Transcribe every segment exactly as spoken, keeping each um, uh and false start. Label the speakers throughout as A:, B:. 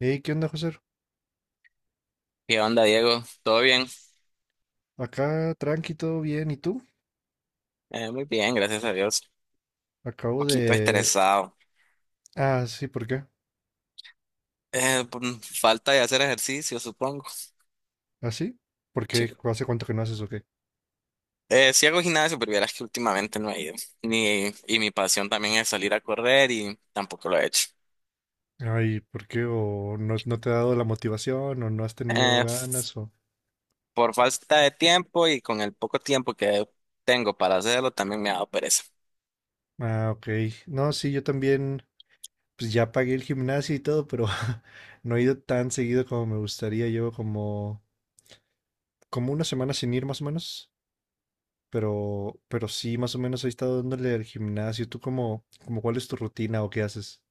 A: Hey, ¿qué onda, José?
B: ¿Qué onda, Diego? ¿Todo bien?
A: Acá tranqui, todo bien. ¿Y tú?
B: Eh, muy bien, gracias a Dios. Un
A: Acabo
B: poquito
A: de...
B: estresado.
A: Ah, sí, ¿por qué?
B: Eh, por falta de hacer ejercicio, supongo.
A: ¿Ah, sí? ¿Por qué?
B: Sí.
A: ¿Hace cuánto que no haces o qué?
B: Eh, sí hago gimnasio, pero vieras que últimamente no he ido. Ni, y mi pasión también es salir a correr y tampoco lo he hecho.
A: Ay, ¿por qué? ¿O no, no te ha dado la motivación? ¿O no has tenido
B: Eh, f-
A: ganas? O...
B: por falta de tiempo y con el poco tiempo que tengo para hacerlo, también me ha dado pereza.
A: Ah, ok. No, sí, yo también, pues ya pagué el gimnasio y todo, pero no he ido tan seguido como me gustaría. Llevo como, como una semana sin ir más o menos. Pero, pero sí, más o menos he estado dándole al gimnasio. ¿Tú cómo, cómo cuál es tu rutina o qué haces?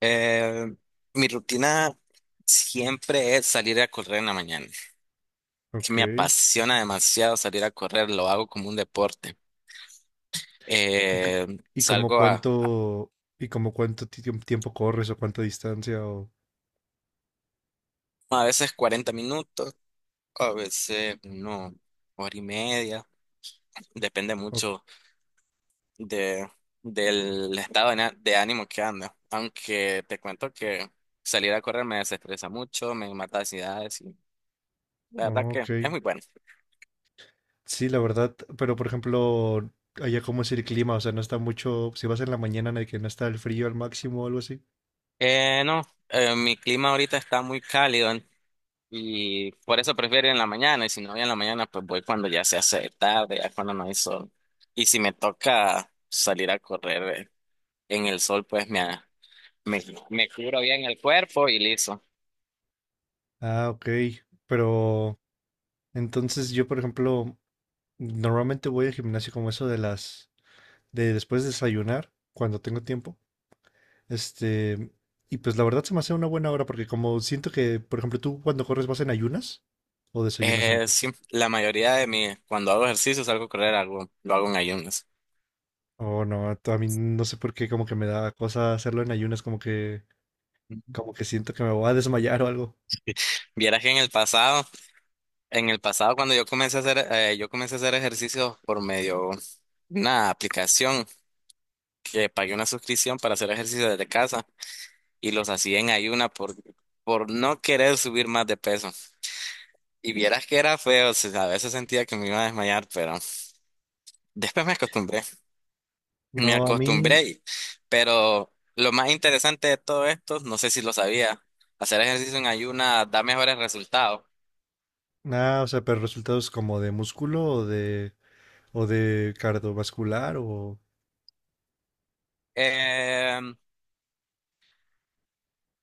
B: Eh, Mi rutina siempre es salir a correr en la mañana. Que
A: Ok.
B: me apasiona demasiado salir a correr, lo hago como un deporte.
A: ¿Y, c-
B: Eh,
A: y como
B: salgo a,
A: cuánto, y como cuánto ti- tiemp- tiempo corres o cuánta distancia o,
B: a veces cuarenta minutos, a veces no, hora y media. Depende
A: o-
B: mucho de, del estado de, de ánimo que anda. Aunque te cuento que salir a correr me desestresa mucho, me mata ansiedades y la verdad
A: oh, ok.
B: que es muy bueno.
A: Sí, la verdad, pero por ejemplo, allá cómo es el clima, o sea, no está mucho, si vas en la mañana en el que no está el frío al máximo o algo así.
B: Eh, no, eh, mi clima ahorita está muy cálido y por eso prefiero ir en la mañana y si no voy en la mañana pues voy cuando ya se hace tarde, ya cuando no hay sol. Y si me toca salir a correr, eh, en el sol, pues me, me, me cubro bien el cuerpo y listo.
A: Ah, ok. Pero entonces yo, por ejemplo, normalmente voy al gimnasio como eso de las, de después de desayunar, cuando tengo tiempo. Este, y pues la verdad se me hace una buena hora porque como siento que, por ejemplo, tú cuando corres vas en ayunas o desayunas
B: Eh,
A: antes.
B: sí, la mayoría de mi, cuando hago ejercicio, salgo a correr, algo, lo hago en ayunas.
A: Oh, no, t- a mí no sé por qué como que me da cosa hacerlo en ayunas, como que como que siento que me voy a desmayar o algo.
B: Vieras que en el pasado, en el pasado cuando yo comencé a hacer, eh, yo comencé a hacer ejercicio por medio de una aplicación que pagué una suscripción para hacer ejercicio desde casa y los hacía en ayuna por, por no querer subir más de peso. Y vieras que era feo, o sea, a veces sentía que me iba a desmayar, pero después me acostumbré. Me
A: No, a mí
B: acostumbré, pero lo más interesante de todo esto, no sé si lo sabía, hacer ejercicio en ayuna da mejores resultados.
A: nada, o sea, pero resultados como de músculo o de o de cardiovascular o...
B: Eh, en,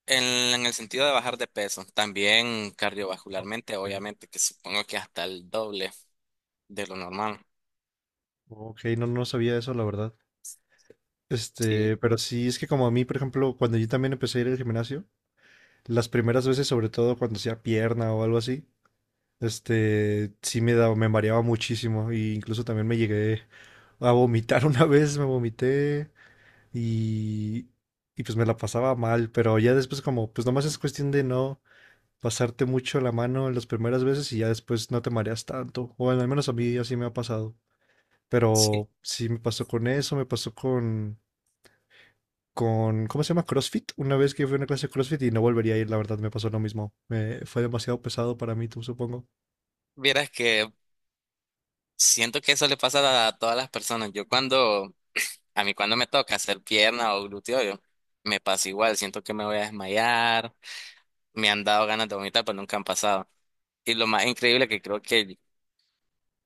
B: en el sentido de bajar de peso, también
A: Ah,
B: cardiovascularmente,
A: ok.
B: obviamente, que supongo que hasta el doble de lo normal.
A: Ok, no no sabía eso, la verdad.
B: Sí,
A: Este, pero sí es que como a mí, por ejemplo, cuando yo también empecé a ir al gimnasio. Las primeras veces, sobre todo cuando hacía pierna o algo así, este, sí me daba, me mareaba muchísimo. Y incluso también me llegué a vomitar una vez, me vomité y, y pues me la pasaba mal. Pero ya después como, pues nomás es cuestión de no pasarte mucho la mano en las primeras veces y ya después no te mareas tanto. O al menos a mí así me ha pasado.
B: sí.
A: Pero sí me pasó con eso, me pasó con con, ¿cómo se llama? CrossFit. Una vez que fui a una clase de CrossFit y no volvería a ir, la verdad, me pasó lo mismo. Me, fue demasiado pesado para mí, tú supongo.
B: Vieras que siento que eso le pasa a todas las personas. Yo cuando, a mí cuando me toca hacer pierna o glúteo, yo me pasa igual, siento que me voy a desmayar, me han dado ganas de vomitar, pero nunca han pasado. Y lo más increíble que creo que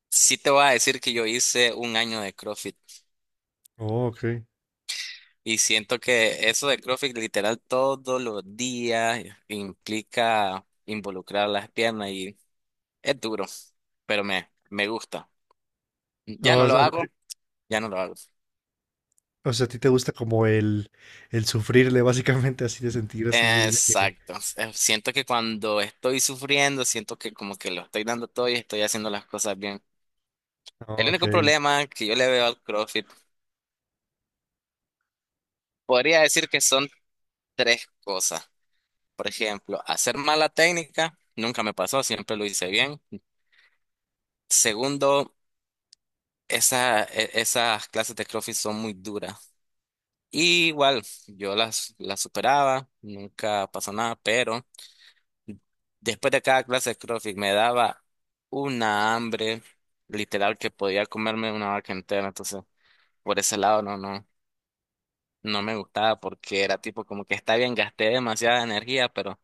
B: sí te voy a decir que yo hice un año de CrossFit
A: Oh, ok.
B: y siento que eso de CrossFit literal todos los días implica involucrar las piernas y es duro, pero me, me gusta. Ya no
A: O
B: lo
A: sea,
B: hago, ya no lo hago.
A: o sea, a ti te gusta como el, el sufrirle, básicamente, así de sentir así de que...
B: Exacto. Eh, Siento que cuando estoy sufriendo, siento que como que lo estoy dando todo y estoy haciendo las cosas bien. El
A: Oh, ok,
B: único problema que yo le veo al CrossFit, podría decir que son tres cosas. Por ejemplo, hacer mala técnica nunca me pasó, siempre lo hice bien. Segundo, esa, e- esas clases de CrossFit son muy duras. Y igual, yo las, las superaba, nunca pasó nada, pero después de cada clase de CrossFit me daba una hambre literal que podía comerme una vaca entera. Entonces, por ese lado no, no, no me gustaba porque era tipo como que está bien, gasté demasiada energía, pero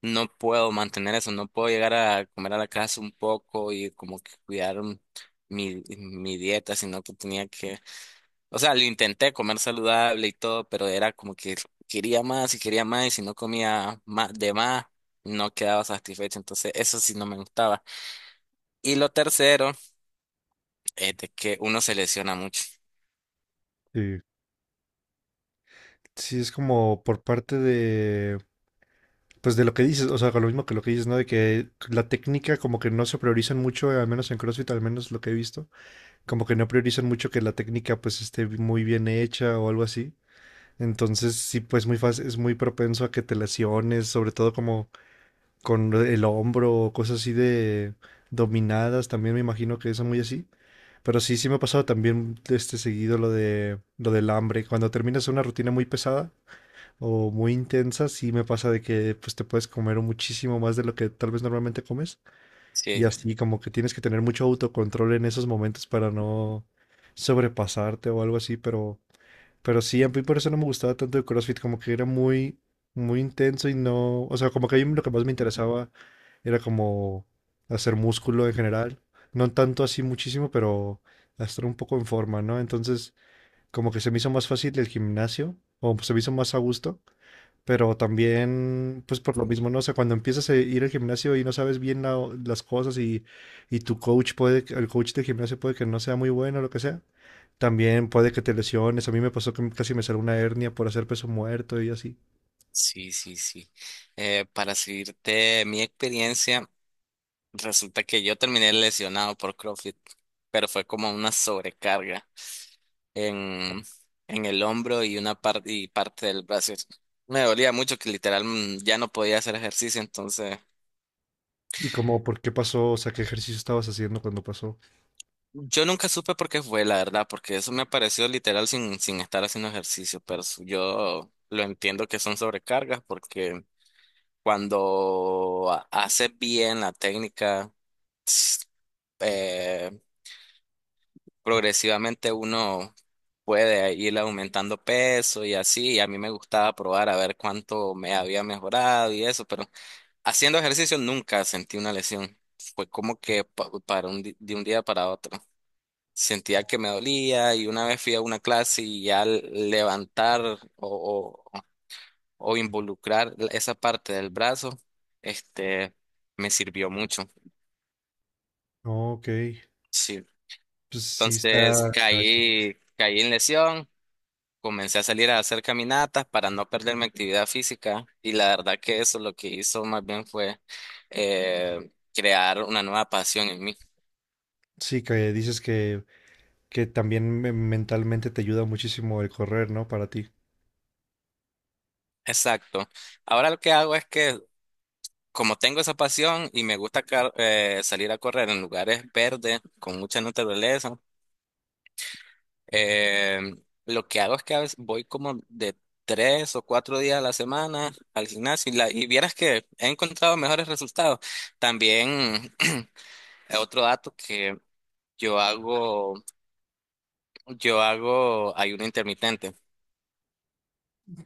B: no puedo mantener eso, no puedo llegar a comer a la casa un poco y como que cuidar un- mi, mi dieta, sino que tenía que, o sea, lo intenté comer saludable y todo, pero era como que quería más y quería más y si no comía más de más, no quedaba satisfecho, entonces eso sí no me gustaba. Y lo tercero es de que uno se lesiona mucho.
A: sí. Sí, es como por parte de, pues de lo que dices, o sea, con lo mismo que lo que dices, ¿no? De que la técnica como que no se priorizan mucho, al menos en CrossFit, al menos lo que he visto, como que no priorizan mucho que la técnica pues esté muy bien hecha o algo así. Entonces, sí, pues muy fácil, es muy propenso a que te lesiones, sobre todo como con el hombro o cosas así de dominadas, también me imagino que es muy así. Pero sí, sí me ha pasado también este seguido lo de lo del hambre. Cuando terminas una rutina muy pesada o muy intensa, sí me pasa de que pues te puedes comer muchísimo más de lo que tal vez normalmente comes. Y
B: Sí,
A: así como que tienes que tener mucho autocontrol en esos momentos para no sobrepasarte o algo así, pero pero sí, a mí por eso no me gustaba tanto el CrossFit, como que era muy, muy intenso y no, o sea, como que a mí lo que más me interesaba era como hacer músculo en general, no tanto así muchísimo, pero estar un poco en forma, ¿no? Entonces, como que se me hizo más fácil el gimnasio, o se me hizo más a gusto, pero también, pues por lo mismo, ¿no? O sea, cuando empiezas a ir al gimnasio y no sabes bien la- las cosas y, y tu coach puede, el coach del gimnasio puede que no sea muy bueno o lo que sea también puede que te lesiones. A mí me pasó que casi me salió una hernia por hacer peso muerto y así.
B: sí, sí, sí. Eh, para seguirte mi experiencia. Resulta que yo terminé lesionado por CrossFit, pero fue como una sobrecarga en, en el hombro y una parte y parte del brazo. Me dolía mucho que literal mm, ya no podía hacer ejercicio, entonces
A: Y como, ¿por qué pasó? O sea, ¿qué ejercicio estabas haciendo cuando pasó?
B: yo nunca supe por qué fue, la verdad, porque eso me apareció literal sin, sin estar haciendo ejercicio, pero su- yo lo entiendo que son sobrecargas porque cuando ha- haces bien la técnica, progresivamente uno puede ir aumentando peso y así, y a mí me gustaba probar a ver cuánto me había mejorado y eso, pero haciendo ejercicio nunca sentí una lesión. Fue como que pa- para un, di- de un día para otro. Sentía que me dolía y una vez fui a una clase y al levantar o, o, o involucrar esa parte del brazo, este, me sirvió mucho.
A: No, ok.
B: Sí.
A: Pues sí
B: Entonces
A: está gacho.
B: caí, caí en lesión. Comencé a salir a hacer caminatas para no perder mi actividad física y la verdad que eso lo que hizo más bien fue eh, crear una nueva pasión en mí.
A: Sí, que dices que, que también me- mentalmente te ayuda muchísimo el correr, ¿no? Para ti.
B: Exacto. Ahora lo que hago es que como tengo esa pasión y me gusta car- eh, salir a correr en lugares verdes con mucha naturaleza, eh, lo que hago es que a veces voy como de tres o cuatro días a la semana al gimnasio y, la, y vieras que he encontrado mejores resultados. También. Otro dato que Yo hago, yo hago ayuno intermitente.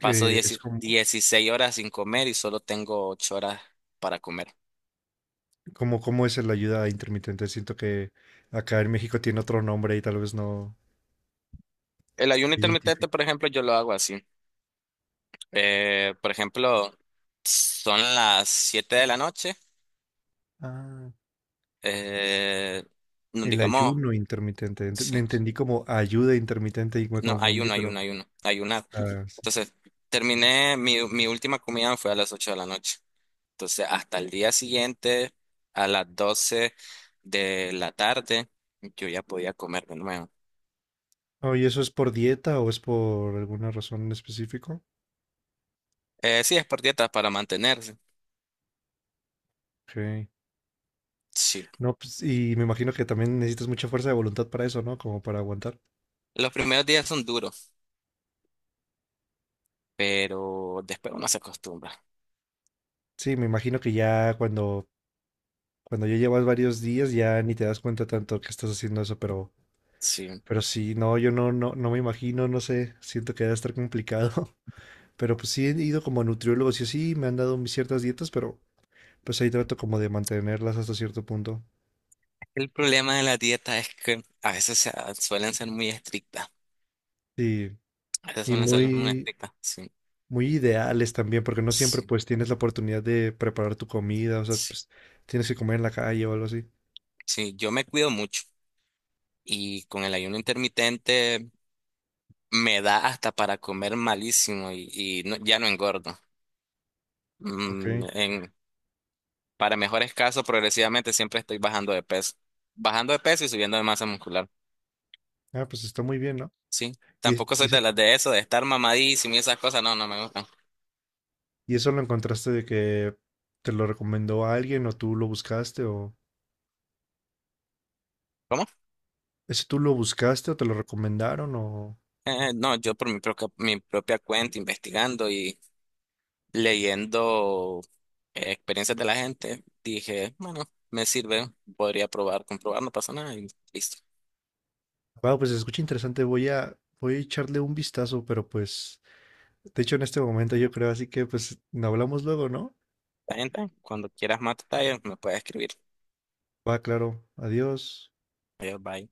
B: Paso
A: Que es
B: dieci-
A: como,
B: dieciséis horas sin comer y solo tengo ocho horas para comer.
A: como, ¿cómo es la ayuda intermitente? Siento que acá en México tiene otro nombre y tal vez no
B: El ayuno
A: lo identifico.
B: intermitente, por ejemplo, yo lo hago así. Eh, por ejemplo, son las siete de la noche.
A: Ah,
B: Eh, no,
A: el
B: digamos,
A: ayuno intermitente. Ent-
B: sí.
A: me entendí como ayuda intermitente y me
B: No,
A: confundí,
B: ayuno,
A: pero...
B: ayuno, ayuno, ayunar.
A: ah, sí.
B: Entonces, terminé, mi, mi última comida fue a las ocho de la noche. Entonces, hasta el día siguiente, a las doce de la tarde, yo ya podía comer de nuevo.
A: Oh, ¿y eso es por dieta o es por alguna razón en específico?
B: Eh, sí, es por dietas para mantenerse.
A: Ok.
B: Sí.
A: No, pues, y me imagino que también necesitas mucha fuerza de voluntad para eso, ¿no? Como para aguantar.
B: Los primeros días son duros, pero después uno se acostumbra.
A: Sí, me imagino que ya cuando, cuando ya llevas varios días ya ni te das cuenta tanto que estás haciendo eso, pero,
B: Sí.
A: pero sí, no, yo no, no, no me imagino, no sé, siento que debe estar complicado. Pero pues sí he ido como a nutriólogos y así, me han dado mis ciertas dietas, pero pues ahí trato como de mantenerlas hasta cierto punto.
B: El problema de la dieta es que a veces se- suelen ser muy estrictas.
A: Y,
B: A veces
A: y
B: suelen ser muy
A: muy,
B: estrictas. Sí.
A: muy ideales también, porque no siempre
B: Sí.
A: pues tienes la oportunidad de preparar tu comida, o sea,
B: Sí.
A: pues tienes que comer en la calle o algo así.
B: Sí, yo me cuido mucho y con el ayuno intermitente me da hasta para comer malísimo y, y no- ya no engordo. Mm,
A: Ok.
B: en, para mejores casos, progresivamente siempre estoy bajando de peso. Bajando de peso y subiendo de masa muscular.
A: Ah, pues está muy bien, ¿no?
B: Sí.
A: Y, es-
B: Tampoco
A: y
B: soy
A: eso,
B: de las de eso, de estar mamadísimo y esas cosas. No, no me gustan.
A: y eso lo encontraste de que te lo recomendó alguien o tú lo buscaste o...
B: ¿Cómo?
A: ¿Eso tú lo buscaste o te lo recomendaron o...?
B: Eh, no, yo por mi propia, mi propia cuenta, investigando y leyendo eh, experiencias de la gente, dije, bueno, me sirve, podría probar, comprobar, no pasa nada y listo.
A: Wow, pues se escucha interesante, voy a, voy a echarle un vistazo, pero pues, de hecho en este momento yo creo, así que pues hablamos luego, ¿no?
B: La gente, cuando quieras más detalles, me puedes escribir.
A: Va, claro. Adiós.
B: Adiós, bye.